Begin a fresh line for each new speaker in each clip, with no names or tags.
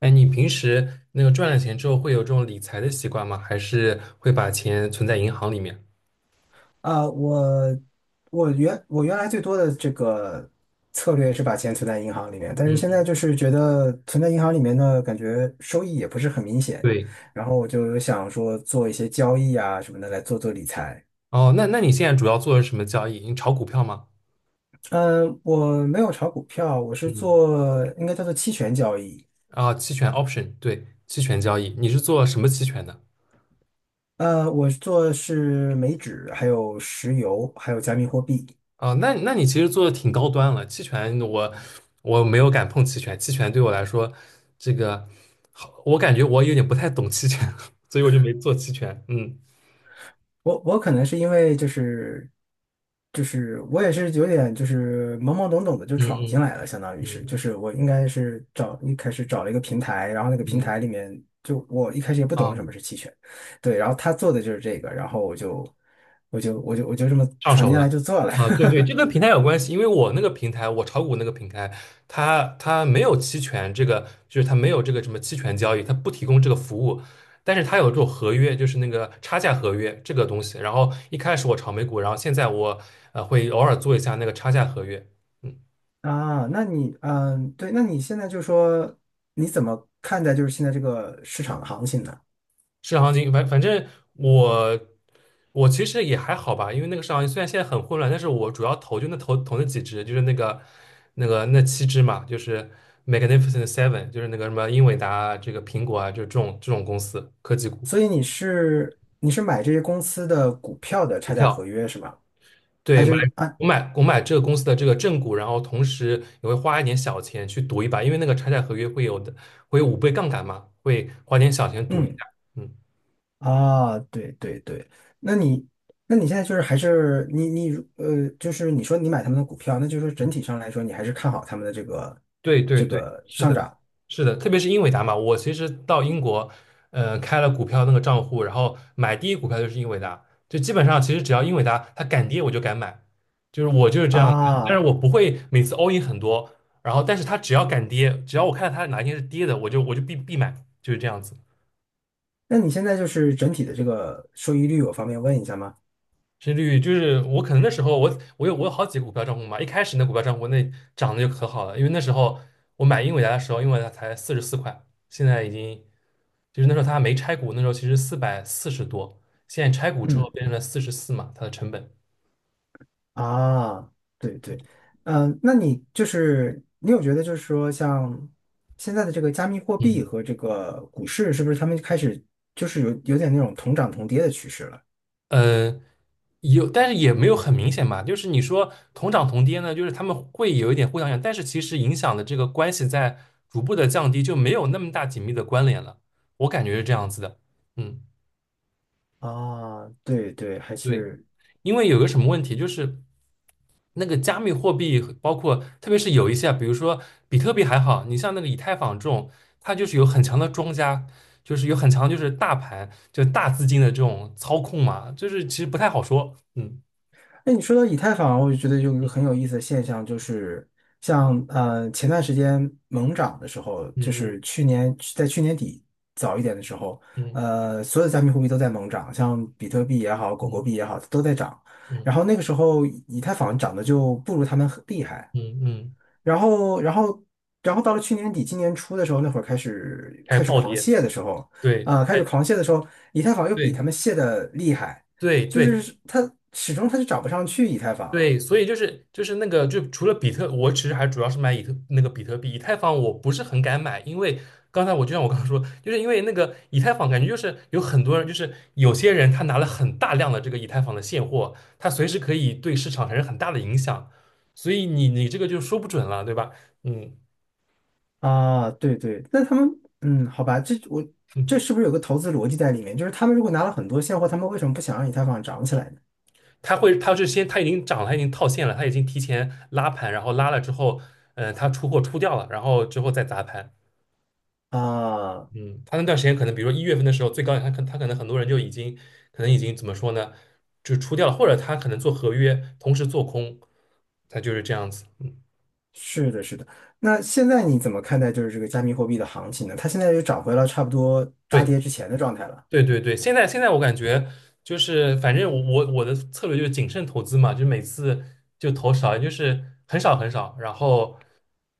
哎，你平时那个赚了钱之后会有这种理财的习惯吗？还是会把钱存在银行里面？
啊，我原来最多的这个策略是把钱存在银行里面，但是现在就是觉得存在银行里面呢，感觉收益也不是很明显，
对，
然后我就想说做一些交易啊什么的来做做理财。
哦，那你现在主要做的是什么交易？你炒股票吗？
嗯，我没有炒股票，我是
嗯，
做应该叫做期权交易。
啊，期权 option，对，期权交易，你是做什么期权的？
呃，我做的是美指，还有石油，还有加密货币。
啊，那你其实做的挺高端了。期权我没有敢碰期权，期权对我来说，这个好，我感觉我有点不太懂期权，所以我就没做期权。嗯
我可能是因为就是我也是有点就是懵懵懂懂的就
嗯
闯进
嗯
来了，相当于是就
嗯
是我应该是找一开始找了一个平台，然后那个平
嗯，嗯，
台里面就我一开始也不懂
啊。
什么是期权，对，然后他做的就是这个，然后我就这么
上
闯
手
进来
了。
就做了。
啊，对对，这跟平台有关系，因为我那个平台，我炒股那个平台，它没有期权这个，就是它没有这个什么期权交易，它不提供这个服务，但是它有这种合约，就是那个差价合约这个东西。然后一开始我炒美股，然后现在我会偶尔做一下那个差价合约。嗯。
啊，那你嗯对，那你现在就说你怎么看待就是现在这个市场的行情呢？
市场行情，反正我我其实也还好吧，因为那个市场行情虽然现在很混乱，但是我主要投就那投那几只，就是那个那七只嘛，就是 Magnificent Seven，就是那个什么英伟达啊这个苹果啊，就是这种公司科技股
所以你是买这些公司的股票的
股
差价合
票。
约是吗？还
对，买
是啊，
我买我买这个公司的这个正股，然后同时也会花一点小钱去赌一把，因为那个拆债合约会有5倍杠杆嘛，会花点小钱赌一下。
嗯
嗯
啊，对对对，那你那你现在就是还是你你呃，就是你说你买他们的股票，那就是说整体上来说，你还是看好他们的这个
对对
这
对，
个
是
上
的，
涨
是的，特别是英伟达嘛，我其实到英国，开了股票那个账户，然后买第一股票就是英伟达，就基本上其实只要英伟达它敢跌我就敢买，就是我就是这样的但
啊？
是我不会每次 all in 很多，然后但是它只要敢跌，只要我看到它哪一天是跌的，我就必买，就是这样子。
那你现在就是整体的这个收益率，我方便问一下吗？
至绿，就是我可能那时候我有好几个股票账户嘛，一开始那股票账户那涨得就可好了，因为那时候我买英伟达的时候，因为它才44块，现在已经就是那时候它还没拆股，那时候其实440多，现在拆股之后
嗯
变成了四十四嘛，它的成本。
啊，对对，嗯、那你就是你有觉得就是说像现在的这个加密货币
嗯，
和这个股市，是不是他们开始就是有点那种同涨同跌的趋势了？
呃，有，但是也没有很明显吧。就是你说同涨同跌呢，就是他们会有一点互相影响，但是其实影响的这个关系在逐步的降低，就没有那么大紧密的关联了。我感觉是这样子的。嗯。
啊，对对，还
对，
是，
因为有个什么问题，就是那个加密货币，包括特别是有一些啊，比如说比特币还好，你像那个以太坊这种，它就是有很强的庄家，就是有很强就是大盘，就大资金的这种操控嘛，就是其实不太好说。嗯
哎，你说到以太坊，我就觉得有一个很
嗯
有意思的现象，就是像呃前段时间猛涨的时候，就
嗯
是去年在去年底早一点的时候，
嗯
呃，所有的加密货币都在猛涨，像比特币也好，狗狗
嗯
币也好，都在涨。
嗯
然后那个时候以太坊涨的就不如他们很厉害，
嗯嗯，嗯，
然后，然后，然后到了去年底、今年初的时候，那会儿开始
开
开
始
始
暴
狂
跌，
泻的时候，
对，
啊、开
哎
始狂泻的时候，以太坊又比他
对
们泻的厉害，
对
就
对，
是它始终它就涨不上去以太坊
对，所以就是那个，就除了比特，我其实还主要是买以特那个比特币，以太坊我不是很敢买，因为刚才我就像我刚刚说，就是因为那个以太坊感觉就是有很多人，就是有些人他拿了很大量的这个以太坊的现货，他随时可以对市场产生很大的影响，所以你这个就说不准了，对吧？嗯，
啊，对对，那他们嗯，好吧，这是不是有个投资逻辑在里面？就是他们如果拿了很多现货，他们为什么不想让以太坊涨起来呢？
他会他是先他已经涨了，他已经套现了，他已经提前拉盘，然后拉了之后，他出货出掉了，然后之后再砸盘。
啊，
嗯，他那段时间可能，比如说1月份的时候，最高点，他可能很多人就已经，可能已经怎么说呢，就出掉了，或者他可能做合约，同时做空，他就是这样子。嗯，
是的，是的。那现在你怎么看待就是这个加密货币的行情呢？它现在又涨回了差不多大跌
对
之前的状态了。
对对对，现在我感觉就是，反正我的策略就是谨慎投资嘛，就是每次就投少，就是很少很少，然后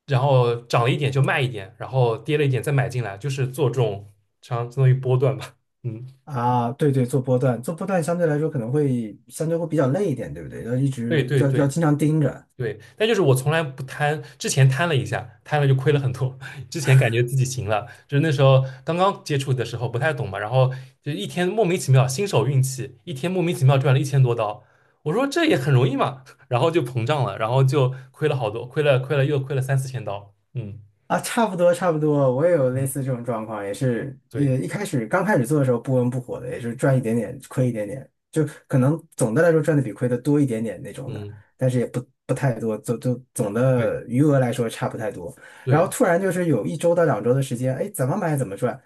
然后涨了一点就卖一点，然后跌了一点再买进来，就是做这种相当于波段吧。嗯，
啊，对对，做波段，做波段相对来说可能会相对会比较累一点，对不对？要一
对
直
对
要要
对。
经常盯着。
对，但就是我从来不贪，之前贪了一下，贪了就亏了很多。之前感觉自己行了，就是那时候刚刚接触的时候不太懂嘛，然后就一天莫名其妙新手运气，一天莫名其妙赚了1000多刀，我说这也很容易嘛，然后就膨胀了，然后就亏了好多，亏了亏了又亏了3、4千刀。嗯
啊，差不多差不多，我也有类
嗯，
似这种状况，也是，呃，
对，
一开始刚开始做的时候不温不火的，也是赚一点点，亏一点点，就可能总的来说赚的比亏的多一点点那种的，
嗯
但是也不太多，总就总
对
的余额来说差不太多。然后
对
突然就是有1周到2周的时间，哎，怎么买怎么赚，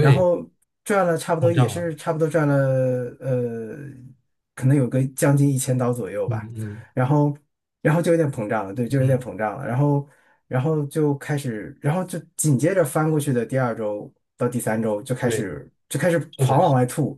然后赚了差不
膨
多也
胀
是
了。
差不多赚了，呃，可能有个将近1000刀左右
嗯
吧，
嗯
然后。然后就有点膨胀了，对，就有点
嗯，
膨胀了，然后，然后就开始，然后就紧接着翻过去的第二周到第三周就开
对，
始就开始
是
狂
的。
往外吐，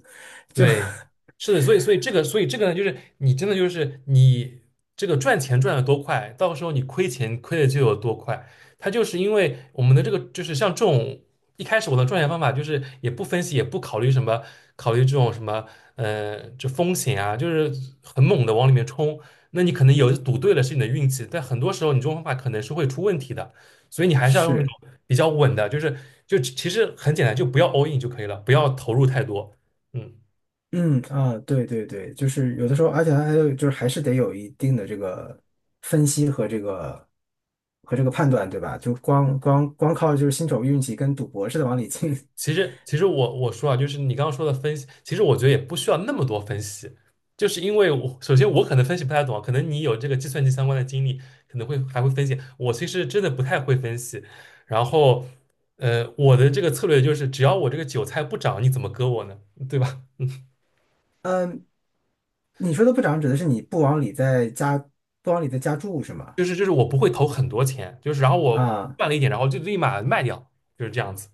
就
对，是的，所以这个呢，就是你真的就是你这个赚钱赚的多快，到时候你亏钱亏的就有多快。它就是因为我们的这个就是像这种一开始我的赚钱方法就是也不分析也不考虑什么考虑这种什么这风险啊，就是很猛的往里面冲。那你可能有赌对了是你的运气，但很多时候你这种方法可能是会出问题的，所以你还是要用那
是，
种比较稳的，就其实很简单，就不要 all in 就可以了，不要投入太多。嗯。
嗯啊，对对对，就是有的时候，而且它还有就是还是得有一定的这个分析和这个和这个判断，对吧？就光靠就是新手运气跟赌博似的往里进，
其实，其实我说啊，就是你刚刚说的分析，其实我觉得也不需要那么多分析，就是因为我首先我可能分析不太懂啊，可能你有这个计算机相关的经历，可能会还会分析。我其实真的不太会分析，然后，我的这个策略就是，只要我这个韭菜不涨，你怎么割我呢？对吧？
嗯，你说的不涨指的是你不往里再加不往里再加注是吗？
就是我不会投很多钱，就是然后我
啊。
赚了一点，然后就立马卖掉，就是这样子。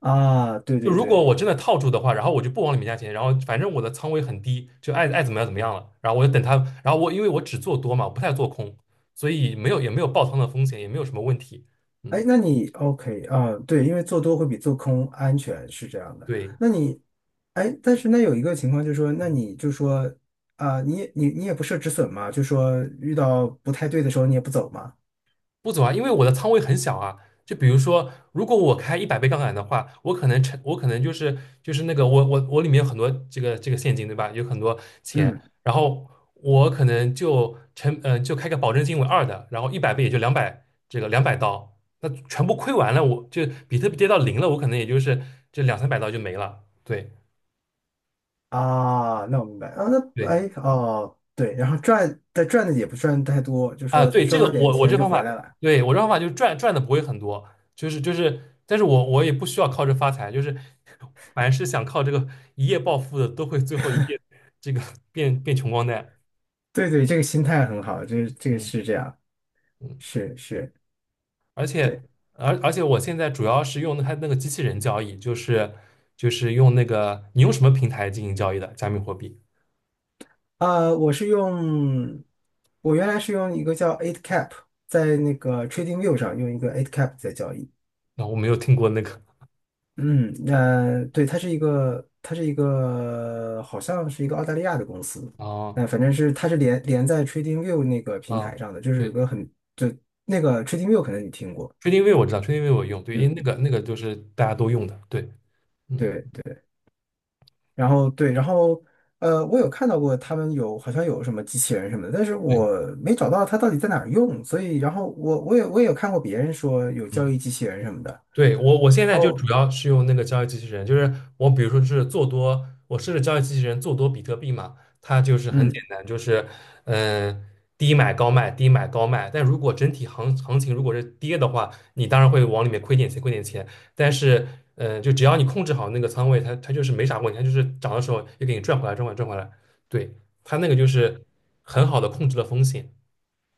啊，对
就
对
如果
对，
我真的套住的话，然后我就不往里面加钱，然后反正我的仓位很低，就爱怎么样怎么样了。然后我就等它，然后我因为我只做多嘛，我不太做空，所以没有也没有爆仓的风险，也没有什么问题。嗯，
哎，那你 OK 啊？对，因为做多会比做空安全，是这样的。
对，
那你，哎，但是那有一个情况就是说，那你就说啊，你也不设止损嘛，就说遇到不太对的时候你也不走嘛。
不走啊，因为我的仓位很小啊。就比如说，如果我开一百倍杠杆的话，我可能成，我可能就是那个我里面有很多这个现金，对吧？有很多钱，
嗯
然后我可能就成就开个保证金为二的，然后一百倍也就200刀，那全部亏完了，我就比特币跌到零了，我可能也就是这200、300刀就没了。对
啊，那我明白啊。那
对，
哎哦，对，然后赚但赚的也不赚太多，就
啊，
说
对，这
收
个
到点
我
钱
这
就
方
回
法，
来了。
对，我这方法就是赚的不会很多，就是，但是我也不需要靠这发财，就是凡是想靠这个一夜暴富的，都会最后一夜这个变穷光蛋。
对对，这个心态很好，这个
嗯
是这样，
嗯，
是是。
而且
对。
而且我现在主要是用它那个机器人交易，就是就是用那个你用什么平台进行交易的加密货币？
呃，我是用，我原来是用一个叫 i 8cap,在那个 TradingView 上用一个 i 8cap 在交易。
那我没有听过那个。
嗯，那、对，它是一个，它是一个，好像是一个澳大利亚的公司。
哦
那、反正是它是连在 TradingView 那个平台
哦，
上的，就是有
对
个很，就那个 TradingView 可能你听过。
，TradingView 我知道，TradingView 我用，对，因为那
嗯，
个那个就是大家都用的，对，嗯
对对。然后对，然后呃，我有看到过他们有好像有什么机器人什么的，但是
对。
我没找到它到底在哪儿用，所以然后我也有看过别人说有交
嗯。
易机器人什么的，
对，我现
然
在就
后
主要是用那个交易机器人，就是我比如说是做多，我设置交易机器人做多比特币嘛，它就是很简
嗯，
单，就是嗯、呃低买高卖，低买高卖。但如果整体行情如果是跌的话，你当然会往里面亏点钱，亏点钱。但是就只要你控制好那个仓位，它就是没啥问题，它就是涨的时候又给你赚回来，赚回来，赚回来。对，它那个就是很好的控制了风险。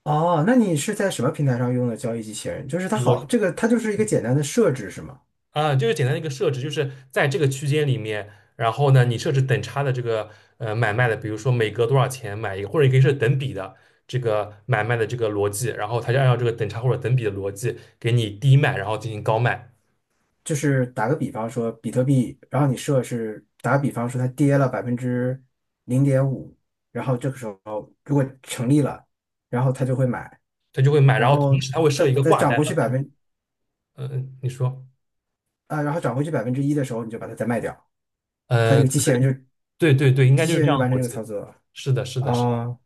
哦，那你是在什么平台上用的交易机器人？就是它
我
好，这个它就是一个简单的设置是吗？
啊，就是简单的一个设置，就是在这个区间里面，然后呢，你设置等差的这个买卖的，比如说每隔多少钱买一个，或者你可以设等比的这个买卖的这个逻辑，然后它就按照这个等差或者等比的逻辑给你低卖，然后进行高卖，
就是打个比方说比特币，然后你设是打个比方说它跌了0.5%，然后这个时候如果成立了，然后它就会买。
它就会买，然
然
后
后
同时它会
再
设一个
再
挂
涨
单。
回去百分
嗯、呃你说，
啊，然后涨回去1%的时候，你就把它再卖掉，它这
嗯、
个
呃
机器人就
对对对，应该
机
就
器
是
人
这
就
样的
完成
逻
这个
辑。
操作
是的，是
啊
的，是的，
啊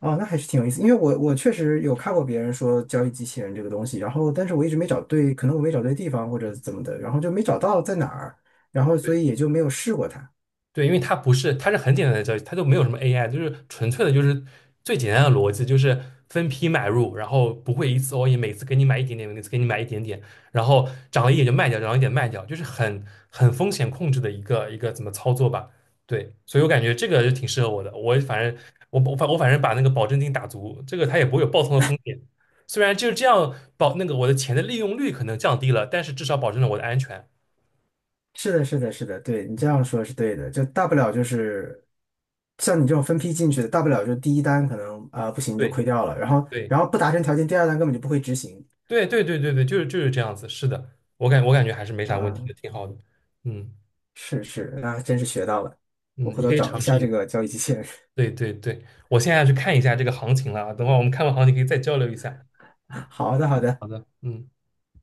哦那还是挺有意思，因为我我确实有看过别人说交易机器人这个东西，然后但是我一直没找对，可能我没找对地方或者
嗯，
怎么的，然后就没找到在哪儿，然后所
对。
以也就没有试过它。
对，因为它不是，它是很简单的交易，它就没有什么 AI，就是纯粹的，就是最简单的逻辑，就是分批买入，然后不会一次 all in，每次给你买一点点，每次给你买一点点，然后涨了一点就卖掉，涨了一点卖掉，就是很风险控制的一个怎么操作吧。对，所以我感觉这个就挺适合我的。我反正我反正把那个保证金打足，这个它也不会有爆仓的风险。虽然就是这样保那个我的钱的利用率可能降低了，但是至少保证了我的安全。
是的，是的，是的，对你这
嗯，
样说是对的，就大不了就是像你这种分批进去的，大不了就第一单可能啊、不行就
对
亏掉了，然后
对。
然后不达成条件，第二单根本就不会执行
对对对对对，就是这样子，是的，我感觉还是没啥问题的，
啊。
挺好的。嗯
是是，那还真是学到了，我
嗯，
回
你
头
可以
找一
尝试
下这
一，
个交易机器人。
对对对，我现在去看一下这个行情了啊，等会儿我们看完行情可以再交流一下。
好的好的，
好的，嗯。